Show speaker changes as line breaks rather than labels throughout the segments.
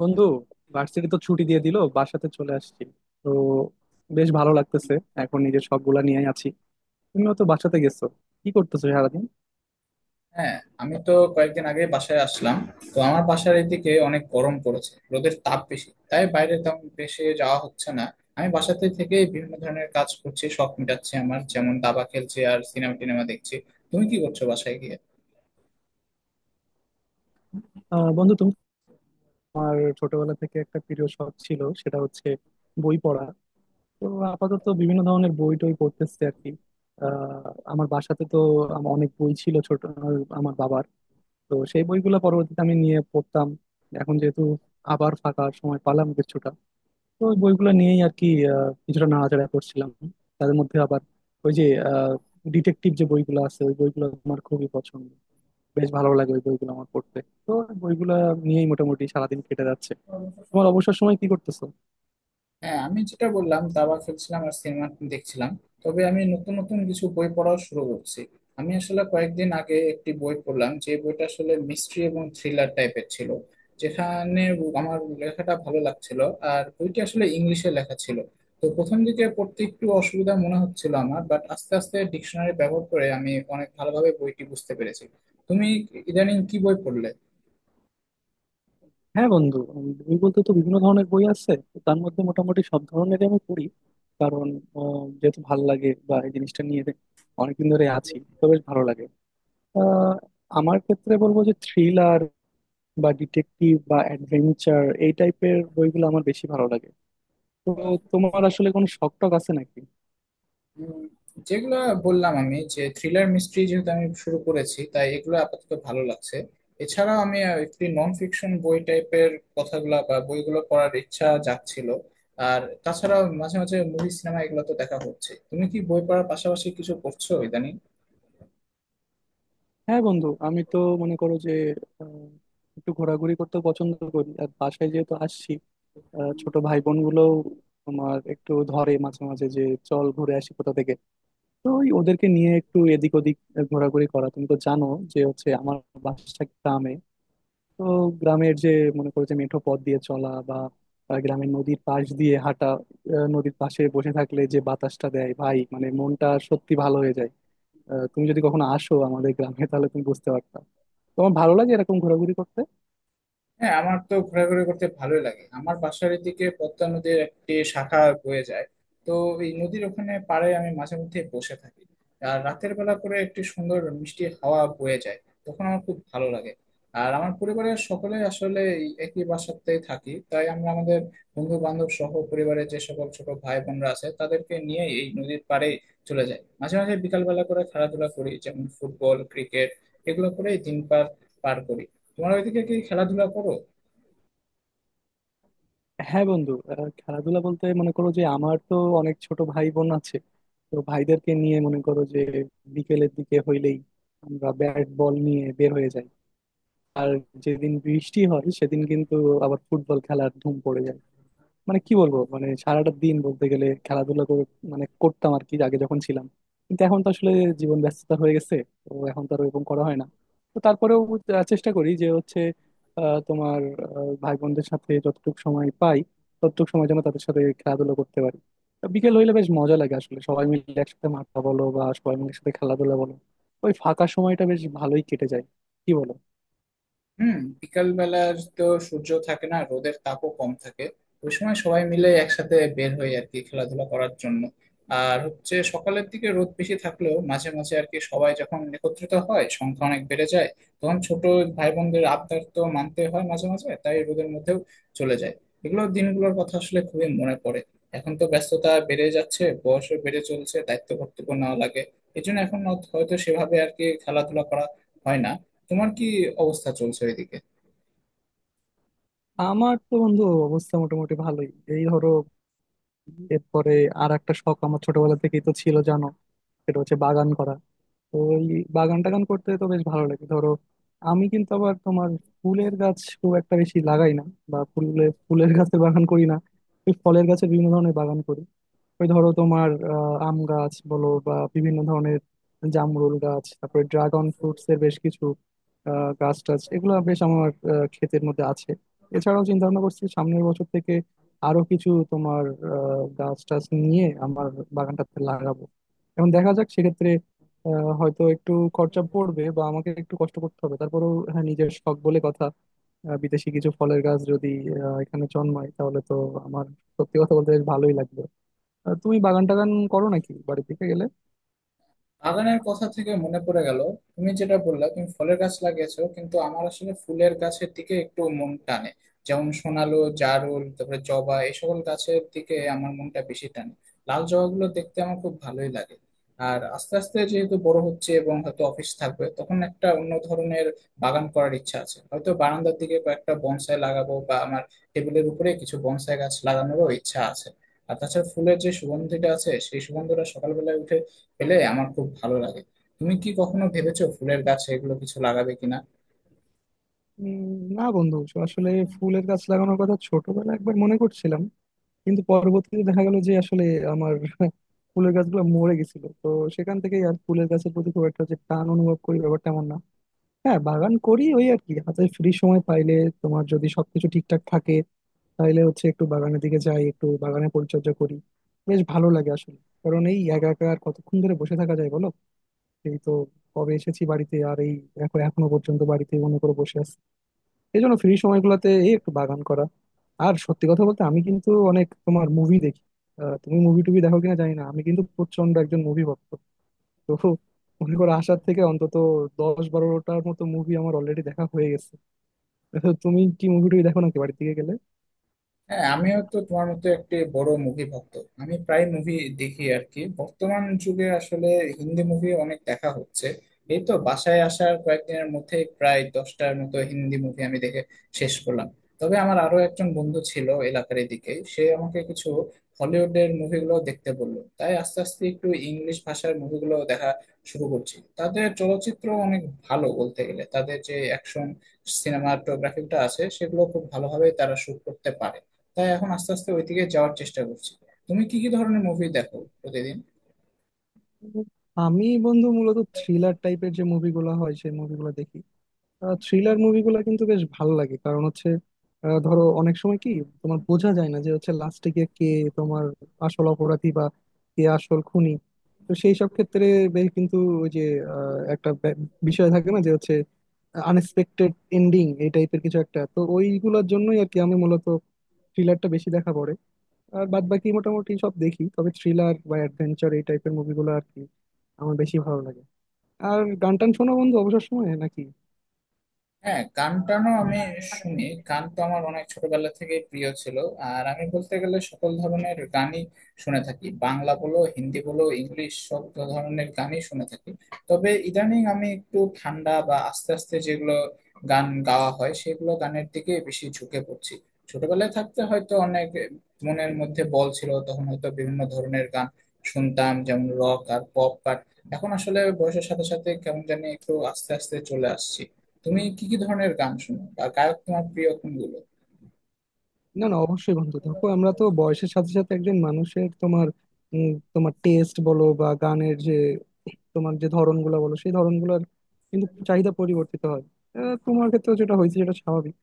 বন্ধু, ভার্সিটি তো ছুটি দিয়ে দিল। বাসাতে চলে আসছি। তো বেশ ভালো লাগতেছে। এখন নিজের শখগুলা নিয়ে আছি। তুমিও তো বাসাতে গেছো। কি করতেছো সারাদিন?
হ্যাঁ, আমি তো কয়েকদিন আগে বাসায় আসলাম। তো আমার বাসার এদিকে অনেক গরম পড়েছে, রোদের তাপ বেশি, তাই বাইরে তেমন বেশি যাওয়া হচ্ছে না। আমি বাসাতে থেকে বিভিন্ন ধরনের কাজ করছি, শখ মেটাচ্ছি আমার, যেমন দাবা খেলছি আর সিনেমা টিনেমা দেখছি। তুমি কি করছো বাসায় গিয়ে?
বন্ধু, তুমি ছোটবেলা থেকে একটা প্রিয় শখ ছিল, সেটা হচ্ছে বই পড়া। তো আপাতত বিভিন্ন ধরনের বই টই পড়তেছে আর কি। আমার বাসাতে তো আমার অনেক বই ছিল, ছোট, আমার বাবার। তো সেই বইগুলো পরবর্তীতে আমি নিয়ে পড়তাম। এখন যেহেতু আবার ফাঁকা সময় পালাম কিছুটা, তো ওই বইগুলো নিয়েই আর কি কিছুটা নাড়াচাড়া করছিলাম। তাদের মধ্যে আবার ওই যে ডিটেকটিভ যে বইগুলো আছে, ওই বইগুলো আমার খুবই পছন্দ। বেশ ভালো লাগে ওই বইগুলো আমার পড়তে। তো ওই বইগুলো নিয়েই মোটামুটি সারাদিন কেটে যাচ্ছে। তোমার অবসর সময় কি করতেছো?
হ্যাঁ, আমি যেটা বললাম, দাবা খেলছিলাম আর সিনেমা দেখছিলাম। তবে আমি নতুন নতুন কিছু বই পড়াও শুরু করছি। আমি আসলে কয়েকদিন আগে একটি বই পড়লাম, যে বইটা আসলে মিস্ট্রি এবং থ্রিলার টাইপের ছিল। যেখানে আমার লেখাটা ভালো লাগছিল। আর বইটি আসলে ইংলিশে লেখা ছিল। তো প্রথম দিকে পড়তে একটু অসুবিধা মনে হচ্ছিল আমার, বাট আস্তে আস্তে ডিকশনারি ব্যবহার করে আমি অনেক ভালোভাবে বইটি বুঝতে পেরেছি। তুমি ইদানিং কি বই পড়লে?
হ্যাঁ বন্ধু, বই বলতে তো বিভিন্ন ধরনের বই আছে, তো তার মধ্যে মোটামুটি সব ধরনেরই আমি পড়ি। কারণ যেহেতু ভালো লাগে বা এই জিনিসটা নিয়ে অনেকদিন ধরে আছি, তো বেশ ভালো লাগে। আহ, আমার ক্ষেত্রে বলবো যে থ্রিলার বা ডিটেকটিভ বা অ্যাডভেঞ্চার এই টাইপের বইগুলো আমার বেশি ভালো লাগে। তো তোমার আসলে কোনো শখ টখ আছে নাকি?
উম, যেগুলো বললাম আমি, যে থ্রিলার মিস্ট্রি যেহেতু আমি শুরু করেছি, তাই এগুলো আপাতত ভালো লাগছে। এছাড়াও আমি একটি নন ফিকশন বই টাইপের কথাগুলো বা বইগুলো পড়ার ইচ্ছা জাগছিল। আর তাছাড়াও মাঝে মাঝে মুভি সিনেমা এগুলো তো দেখা হচ্ছে। তুমি কি বই পড়ার পাশাপাশি কিছু করছো ইদানিং?
হ্যাঁ বন্ধু, আমি তো মনে করো যে আহ, একটু ঘোরাঘুরি করতে পছন্দ করি। আর বাসায় যেহেতু আসছি, ছোট ভাই বোন গুলো তোমার একটু ধরে মাঝে মাঝে যে, চল ঘুরে আসি কোথা থেকে। তো ওই ওদেরকে নিয়ে একটু এদিক ওদিক ঘোরাঘুরি করা। তুমি তো জানো যে হচ্ছে আমার বাসা গ্রামে। তো গ্রামের যে, মনে করো যে মেঠো পথ দিয়ে চলা বা গ্রামের নদীর পাশ দিয়ে হাঁটা, নদীর পাশে বসে থাকলে যে বাতাসটা দেয়, ভাই মানে মনটা সত্যি ভালো হয়ে যায়। তুমি যদি কখনো আসো আমাদের গ্রামে তাহলে তুমি বুঝতে পারতা। তোমার ভালো লাগে এরকম ঘোরাঘুরি করতে?
হ্যাঁ, আমার তো ঘোরাঘুরি করতে ভালোই লাগে। আমার বাসার এদিকে পদ্মা নদীর একটি শাখা বয়ে যায়। তো এই নদীর ওখানে পাড়ে আমি মাঝে মধ্যে বসে থাকি। আর রাতের বেলা করে একটি সুন্দর মিষ্টি হাওয়া বয়ে যায়, তখন আমার খুব ভালো লাগে। আর আমার পরিবারের সকলে আসলে এই একই বাসাতেই থাকি, তাই আমরা আমাদের বন্ধু বান্ধব সহ পরিবারের যে সকল ছোট ভাই বোনরা আছে তাদেরকে নিয়ে এই নদীর পাড়ে চলে যাই মাঝে মাঝে বিকালবেলা করে। খেলাধুলা করি, যেমন ফুটবল, ক্রিকেট, এগুলো করে দিন পার পার করি। তোমার ওইদিকে কি খেলাধুলা করো?
হ্যাঁ বন্ধু, খেলাধুলা বলতে মনে করো যে আমার তো অনেক ছোট ভাই বোন আছে। তো ভাইদেরকে নিয়ে মনে করো যে বিকেলের দিকে হইলেই আমরা ব্যাট বল নিয়ে বের হয়ে যাই। আর যেদিন বৃষ্টি হয় সেদিন কিন্তু আবার ফুটবল খেলার ধুম পড়ে যায়। মানে কি বলবো, মানে সারাটা দিন বলতে গেলে খেলাধুলা করে, মানে করতাম আর কি আগে যখন ছিলাম। কিন্তু এখন তো আসলে জীবন ব্যস্ততা হয়ে গেছে। তো এখন তো আর ওরকম করা হয় না। তো তারপরেও চেষ্টা করি যে হচ্ছে আহ, তোমার ভাই বোনদের সাথে যতটুকু সময় পাই ততটুকু সময় যেন তাদের সাথে খেলাধুলা করতে পারি। তো বিকেল হইলে বেশ মজা লাগে আসলে, সবাই মিলে একসাথে মাঠা বলো বা সবাই মিলে একসাথে খেলাধুলা বলো। ওই ফাঁকা সময়টা বেশ ভালোই কেটে যায়, কি বলো?
হুম। বিকাল বেলার তো সূর্য থাকে না, রোদের তাপও কম থাকে। ওই সময় সবাই মিলে একসাথে বের হই আর কি খেলাধুলা করার জন্য। আর হচ্ছে সকালের দিকে রোদ বেশি থাকলেও মাঝে মাঝে আর কি সবাই যখন একত্রিত হয়, সংখ্যা অনেক বেড়ে যায়। তখন ছোট ভাই বোনদের আবদার তো মানতে হয় মাঝে মাঝে, তাই রোদের মধ্যেও চলে যায়। এগুলো দিনগুলোর কথা আসলে খুবই মনে পড়ে। এখন তো ব্যস্ততা বেড়ে যাচ্ছে, বয়সও বেড়ে চলছে, দায়িত্ব কর্তব্য নেওয়া লাগে। এই জন্য এখন হয়তো সেভাবে আর কি খেলাধুলা করা হয় না। তোমার কি অবস্থা চলছে ওইদিকে?
আমার তো বন্ধু অবস্থা মোটামুটি ভালোই। এই ধরো, এরপরে আর একটা শখ আমার ছোটবেলা থেকেই তো ছিল জানো, সেটা হচ্ছে বাগান করা। তো এই বাগান টাগান করতে তো বেশ ভালো লাগে। ধরো, আমি কিন্তু আবার তোমার ফুলের গাছ খুব একটা বেশি লাগাই না, বা ফুলের ফুলের গাছের বাগান করি না। ওই ফলের গাছের বিভিন্ন ধরনের বাগান করি। ওই ধরো তোমার আম গাছ বলো বা বিভিন্ন ধরনের জামরুল গাছ, তারপরে ড্রাগন ফ্রুটস এর বেশ কিছু গাছ টাছ এগুলো বেশ আমার ক্ষেতের মধ্যে আছে। এছাড়াও চিন্তা ভাবনা করছি সামনের বছর থেকে আরো কিছু তোমার গাছ টাছ নিয়ে আমার বাগানটাতে লাগাবো। এখন দেখা যাক, সেক্ষেত্রে হয়তো একটু খরচা পড়বে বা আমাকে একটু কষ্ট করতে হবে, তারপরেও হ্যাঁ নিজের শখ বলে কথা। বিদেশি কিছু ফলের গাছ যদি এখানে জন্মায় তাহলে তো আমার, সত্যি কথা বলতে, বেশ ভালোই লাগবে। তুমি বাগান টাগান করো নাকি বাড়ি থেকে গেলে?
বাগানের কথা থেকে মনে পড়ে গেল, তুমি যেটা বললা তুমি ফলের গাছ লাগিয়েছো, কিন্তু আমার আসলে ফুলের গাছের দিকে একটু মন টানে। যেমন সোনালো, জারুল, তারপরে জবা, এই সকল গাছের দিকে আমার মনটা বেশি টানে। লাল জবাগুলো দেখতে আমার খুব ভালোই লাগে। আর আস্তে আস্তে যেহেতু বড় হচ্ছে এবং হয়তো অফিস থাকবে, তখন একটা অন্য ধরনের বাগান করার ইচ্ছা আছে। হয়তো বারান্দার দিকে কয়েকটা বনসাই লাগাবো, বা আমার টেবিলের উপরে কিছু বনসাই গাছ লাগানোরও ইচ্ছা আছে। আর তাছাড়া ফুলের যে সুগন্ধিটা আছে, সেই সুগন্ধটা সকালবেলায় উঠে পেলে আমার খুব ভালো লাগে। তুমি কি কখনো ভেবেছো ফুলের গাছ এগুলো কিছু লাগাবে কিনা?
উম, না বন্ধু, আসলে ফুলের গাছ লাগানোর কথা ছোটবেলায় একবার মনে করছিলাম, কিন্তু পরবর্তীতে দেখা গেল যে আসলে আমার ফুলের গাছগুলো মরে গেছিল। তো সেখান থেকেই আর ফুলের গাছের প্রতি খুব একটা যে টান অনুভব করি ব্যাপারটা এমন না। হ্যাঁ, বাগান করি ওই আর কি হাতে ফ্রি সময় পাইলে। তোমার যদি সবকিছু ঠিকঠাক থাকে তাহলে হচ্ছে একটু বাগানের দিকে যাই, একটু বাগানে পরিচর্যা করি। বেশ ভালো লাগে আসলে, কারণ এই একা একা আর কতক্ষণ ধরে বসে থাকা যায় বলো। এই তো কবে এসেছি বাড়িতে, আর এই দেখো এখনো পর্যন্ত বাড়িতে মনে করে বসে আছি। এই জন্য ফ্রি সময়গুলোতে এই একটু বাগান করা। আর সত্যি কথা বলতে, আমি কিন্তু অনেক তোমার মুভি দেখি। তুমি মুভি টুভি দেখো কিনা জানি না, আমি কিন্তু প্রচন্ড একজন মুভি ভক্ত। তো মনে করো আসার থেকে অন্তত 10-12টার মতো মুভি আমার অলরেডি দেখা হয়ে গেছে। তো তুমি কি মুভি টুভি দেখো নাকি বাড়ির দিকে গেলে?
হ্যাঁ, আমিও তো তোমার মতো একটি বড় মুভি ভক্ত। আমি প্রায় মুভি দেখি আর কি। বর্তমান যুগে আসলে হিন্দি মুভি অনেক দেখা হচ্ছে। এই তো বাসায় আসার কয়েকদিনের মধ্যে প্রায় দশটার মতো হিন্দি মুভি আমি দেখে শেষ করলাম। তবে আমার আরো একজন বন্ধু ছিল এলাকার এদিকে, সে আমাকে কিছু হলিউডের মুভিগুলো দেখতে বললো, তাই আস্তে আস্তে একটু ইংলিশ ভাষার মুভিগুলো দেখা শুরু করছি। তাদের চলচ্চিত্র অনেক ভালো বলতে গেলে। তাদের যে অ্যাকশন, সিনেমাটোগ্রাফিটা আছে, সেগুলো খুব ভালোভাবে তারা শুট করতে পারে। তাই এখন আস্তে আস্তে ওই দিকে যাওয়ার চেষ্টা করছি। তুমি কি কি ধরনের মুভি দেখো প্রতিদিন?
আমি বন্ধু মূলত থ্রিলার টাইপের যে মুভিগুলো হয় সেই মুভিগুলো দেখি। থ্রিলার মুভিগুলো কিন্তু বেশ ভালো লাগে, কারণ হচ্ছে ধরো অনেক সময় কি তোমার বোঝা যায় না যে হচ্ছে লাস্টে গিয়ে কে তোমার আসল অপরাধী বা কে আসল খুনি। তো সেই সব ক্ষেত্রে বেশ কিন্তু ওই যে একটা বিষয় থাকে না যে হচ্ছে আনএক্সপেক্টেড এন্ডিং এই টাইপের কিছু একটা, তো ওইগুলোর জন্যই আর কি আমি মূলত থ্রিলারটা বেশি দেখা পড়ে। আর বাদ বাকি মোটামুটি সব দেখি, তবে থ্রিলার বা অ্যাডভেঞ্চার এই টাইপের মুভিগুলো আর কি আমার বেশি ভালো লাগে। আর গান টান শোনো বন্ধু অবসর সময়ে নাকি?
হ্যাঁ, গান টানও আমি শুনি। গান তো আমার অনেক ছোটবেলা থেকে প্রিয় ছিল। আর আমি বলতে গেলে সকল ধরনের গানই শুনে থাকি, বাংলা বলো, হিন্দি বলো, ইংলিশ, সব ধরনের গানই শুনে থাকি। তবে ইদানিং আমি একটু ঠান্ডা বা আস্তে আস্তে যেগুলো গান গাওয়া হয়, সেগুলো গানের দিকে বেশি ঝুঁকে পড়ছি। ছোটবেলায় থাকতে হয়তো অনেক মনের মধ্যে বল ছিল, তখন হয়তো বিভিন্ন ধরনের গান শুনতাম, যেমন রক আর পপ। আর এখন আসলে বয়সের সাথে সাথে কেমন জানি একটু আস্তে আস্তে চলে আসছি। তুমি কি কি ধরনের গান শোনো বা গায়ক তোমার প্রিয় কোনগুলো?
না, না, অবশ্যই বন্ধু। দেখো আমরা তো বয়সের সাথে সাথে একজন মানুষের তোমার তোমার টেস্ট বলো বা গানের যে তোমার যে ধরনগুলো বলো সেই ধরনগুলোর কিন্তু চাহিদা পরিবর্তিত হয়। তোমার ক্ষেত্রে যেটা হয়েছে সেটা স্বাভাবিক।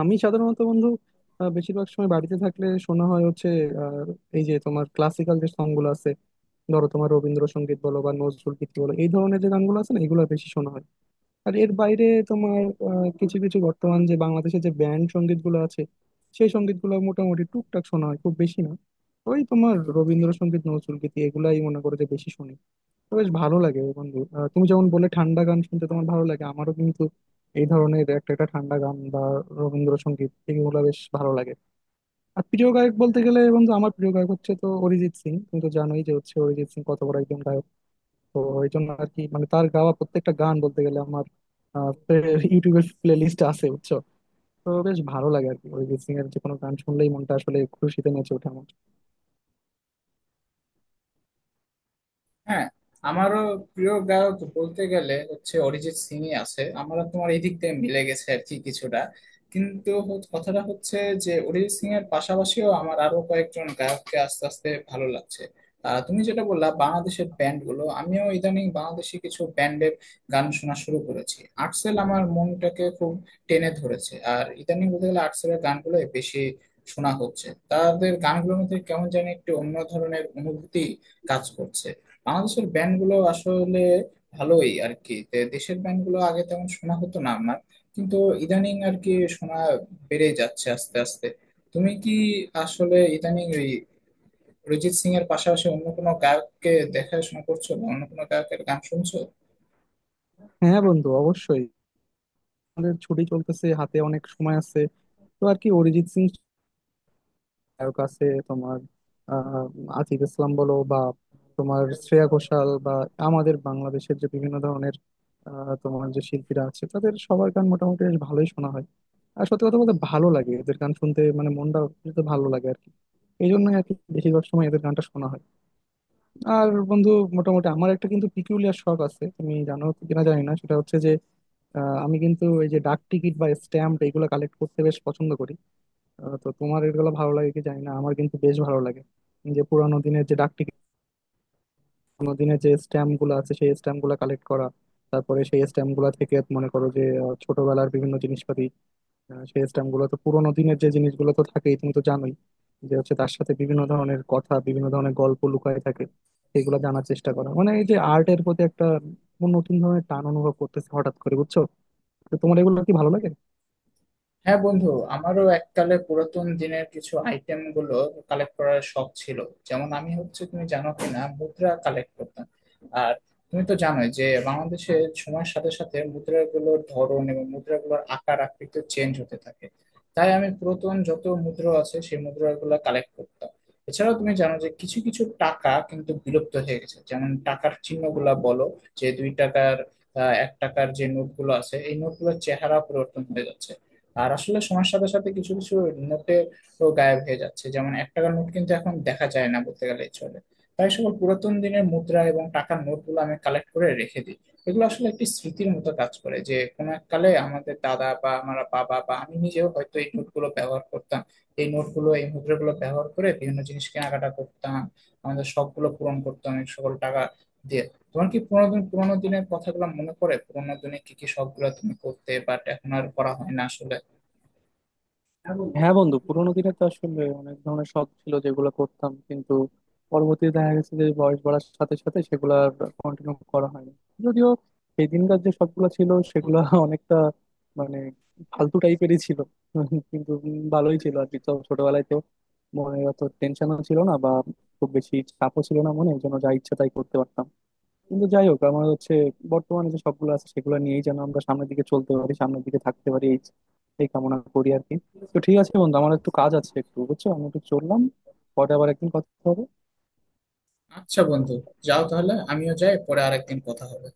আমি সাধারণত বন্ধু বেশিরভাগ সময় বাড়িতে থাকলে শোনা হয় হচ্ছে আহ, এই যে তোমার ক্লাসিক্যাল যে সং গুলো আছে, ধরো তোমার রবীন্দ্রসঙ্গীত বলো বা নজরুল গীতি বলো এই ধরনের যে গানগুলো আছে না, এগুলো বেশি শোনা হয়। আর এর বাইরে তোমার কিছু কিছু বর্তমান যে বাংলাদেশের যে ব্যান্ড সঙ্গীত গুলো আছে সেই সঙ্গীত গুলো মোটামুটি টুকটাক শোনা হয়, খুব বেশি না। ওই তোমার রবীন্দ্রসঙ্গীত নজরুল গীতি এগুলাই মনে করো যে বেশি শুনি। তো বেশ ভালো লাগে বন্ধু। তুমি যেমন বলে ঠান্ডা গান শুনতে তোমার ভালো লাগে, আমারও কিন্তু এই ধরনের একটা একটা ঠান্ডা গান বা রবীন্দ্রসঙ্গীত এগুলো বেশ ভালো লাগে। আর প্রিয় গায়ক বলতে গেলে বন্ধু, আমার প্রিয় গায়ক হচ্ছে তো অরিজিৎ সিং। তুমি তো জানোই যে হচ্ছে অরিজিৎ সিং কত বড় একজন গায়ক। তো এই জন্য আর কি মানে তার গাওয়া প্রত্যেকটা গান বলতে গেলে আমার ইউটিউবের প্লে লিস্টে আছে, বুঝছো? তো বেশ ভালো লাগে আর কি, অরিজিৎ সিং এর যে কোনো গান শুনলেই মনটা আসলে খুশিতে নেচে ওঠে আমার।
হ্যাঁ, আমারও প্রিয় গায়ক বলতে গেলে হচ্ছে অরিজিৎ সিংই আছে। আমরা তোমার এই দিক থেকে মিলে গেছে আর কি কিছুটা। কিন্তু কথাটা হচ্ছে যে অরিজিৎ সিং এর পাশাপাশিও আমার আরো কয়েকজন গায়ককে আস্তে আস্তে ভালো লাগছে। তুমি যেটা বললা বাংলাদেশের ব্যান্ড গুলো, আমিও ইদানিং বাংলাদেশি কিছু ব্যান্ডের গান শোনা শুরু করেছি। আর্টসেল আমার মনটাকে খুব টেনে ধরেছে। আর ইদানিং বলতে গেলে আর্টসেলের গানগুলো বেশি শোনা হচ্ছে। তাদের গানগুলোর মধ্যে কেমন যেন একটি অন্য ধরনের অনুভূতি কাজ করছে। বাংলাদেশের ব্যান্ড গুলো আসলে ভালোই আর কি। তে দেশের ব্যান্ড গুলো আগে তেমন শোনা হতো না আমার, কিন্তু ইদানিং আর কি শোনা বেড়ে যাচ্ছে আস্তে আস্তে। তুমি কি আসলে ইদানিং ওই অরিজিৎ সিং এর পাশাপাশি অন্য কোনো গায়ককে দেখাশোনা করছো বা অন্য কোনো গায়কের গান শুনছো?
হ্যাঁ বন্ধু, অবশ্যই, আমাদের ছুটি চলতেছে, হাতে অনেক সময় আছে। তো আর কি অরিজিৎ সিং নায়ক আছে তোমার, আহ আতিফ ইসলাম বলো বা তোমার শ্রেয়া ঘোষাল বা আমাদের বাংলাদেশের যে বিভিন্ন ধরনের তোমার যে শিল্পীরা আছে তাদের সবার গান মোটামুটি বেশ ভালোই শোনা হয়। আর সত্যি কথা বলতে ভালো লাগে এদের গান শুনতে, মানে মনটা তো ভালো লাগে আর কি। এই জন্যই আর কি বেশিরভাগ সময় এদের গানটা শোনা হয়। আর বন্ধু, মোটামুটি আমার একটা কিন্তু পিকুলিয়ার শখ আছে তুমি জানো কিনা জানি না, সেটা হচ্ছে যে আমি কিন্তু এই যে ডাক টিকিট বা স্ট্যাম্প এগুলো কালেক্ট করতে বেশ পছন্দ করি। তো তোমার এগুলো ভালো লাগে কি জানি না, আমার কিন্তু বেশ ভালো লাগে, যে পুরানো দিনের যে ডাক টিকিট পুরানো দিনের যে স্ট্যাম্প গুলো আছে সেই স্ট্যাম্প গুলো কালেক্ট করা। তারপরে সেই স্ট্যাম্প গুলা থেকে মনে করো যে ছোটবেলার বিভিন্ন জিনিসপাতি, সেই স্ট্যাম্প গুলো তো পুরোনো দিনের যে জিনিসগুলো তো থাকেই, তুমি তো জানোই যে হচ্ছে তার সাথে বিভিন্ন ধরনের কথা বিভিন্ন ধরনের গল্প লুকায় থাকে। সেগুলো জানার চেষ্টা করা মানে এই যে আর্টের প্রতি একটা নতুন ধরনের টান অনুভব করতেছে হঠাৎ করে, বুঝছো? তো তোমার এগুলো কি ভালো লাগে?
হ্যাঁ বন্ধু, আমারও এককালে পুরাতন দিনের কিছু আইটেম গুলো কালেক্ট করার শখ ছিল। যেমন আমি হচ্ছে, তুমি জানো কিনা, মুদ্রা কালেক্ট করতাম। আর তুমি তো জানোই যে বাংলাদেশের সময়ের সাথে সাথে মুদ্রাগুলোর ধরন এবং মুদ্রাগুলোর আকার আকৃতি চেঞ্জ হতে থাকে। তাই আমি পুরাতন যত মুদ্রা আছে, সেই মুদ্রাগুলো কালেক্ট করতাম। এছাড়াও তুমি জানো যে কিছু কিছু টাকা কিন্তু বিলুপ্ত হয়ে গেছে, যেমন টাকার চিহ্নগুলা বলো, যে দুই টাকার, এক টাকার যে নোটগুলো আছে, এই নোটগুলোর চেহারা পরিবর্তন হয়ে যাচ্ছে। আর আসলে সময়ের সাথে সাথে কিছু কিছু নোটে তো গায়েব হয়ে যাচ্ছে, যেমন এক টাকার নোট কিন্তু এখন দেখা যায় না বলতে গেলে চলে। তাই সকল পুরাতন দিনের মুদ্রা এবং টাকার নোটগুলো আমি কালেক্ট করে রেখে দিই। এগুলো আসলে একটি স্মৃতির মতো কাজ করে, যে কোনো এক কালে আমাদের দাদা বা আমার বাবা বা আমি নিজেও হয়তো এই নোটগুলো ব্যবহার করতাম। এই নোটগুলো, এই মুদ্রাগুলো ব্যবহার করে বিভিন্ন জিনিস কেনাকাটা করতাম, আমাদের শখগুলো পূরণ করতাম এই সকল টাকা দিয়ে। তোমার কি পুরোনো দিনের কথাগুলো মনে পড়ে? পুরোনো দিনে কি কি শখ গুলো তুমি করতে বাট এখন আর করা হয় না আসলে? হ্যাঁ বন্ধু,
হ্যাঁ বন্ধু, পুরোনো দিনে তো আসলে অনেক ধরনের শখ ছিল যেগুলো করতাম, কিন্তু পরবর্তীতে দেখা গেছে যে বয়স বাড়ার সাথে সাথে সেগুলো আর কন্টিনিউ করা হয়নি। যদিও সেই দিনকার যে শখগুলো ছিল সেগুলো অনেকটা মানে ফালতু টাইপেরই ছিল, কিন্তু ভালোই ছিল আর কি। তো ছোটবেলায় তো মনে অত টেনশনও ছিল না বা খুব বেশি চাপও ছিল না মনে, এই জন্য যা ইচ্ছা তাই করতে পারতাম। কিন্তু যাই হোক, আমার হচ্ছে বর্তমানে যে সবগুলো আছে সেগুলো নিয়েই যেন আমরা সামনের দিকে চলতে পারি, সামনের দিকে থাকতে পারি, এই এই কামনা করি আর কি। তো ঠিক আছে বন্ধু, আমার একটু কাজ আছে, একটু বুঝছো আমি একটু চললাম। পরে আবার একদিন কথা হবে।
আচ্ছা বন্ধু, যাও তাহলে, আমিও যাই, পরে আরেকদিন কথা হবে।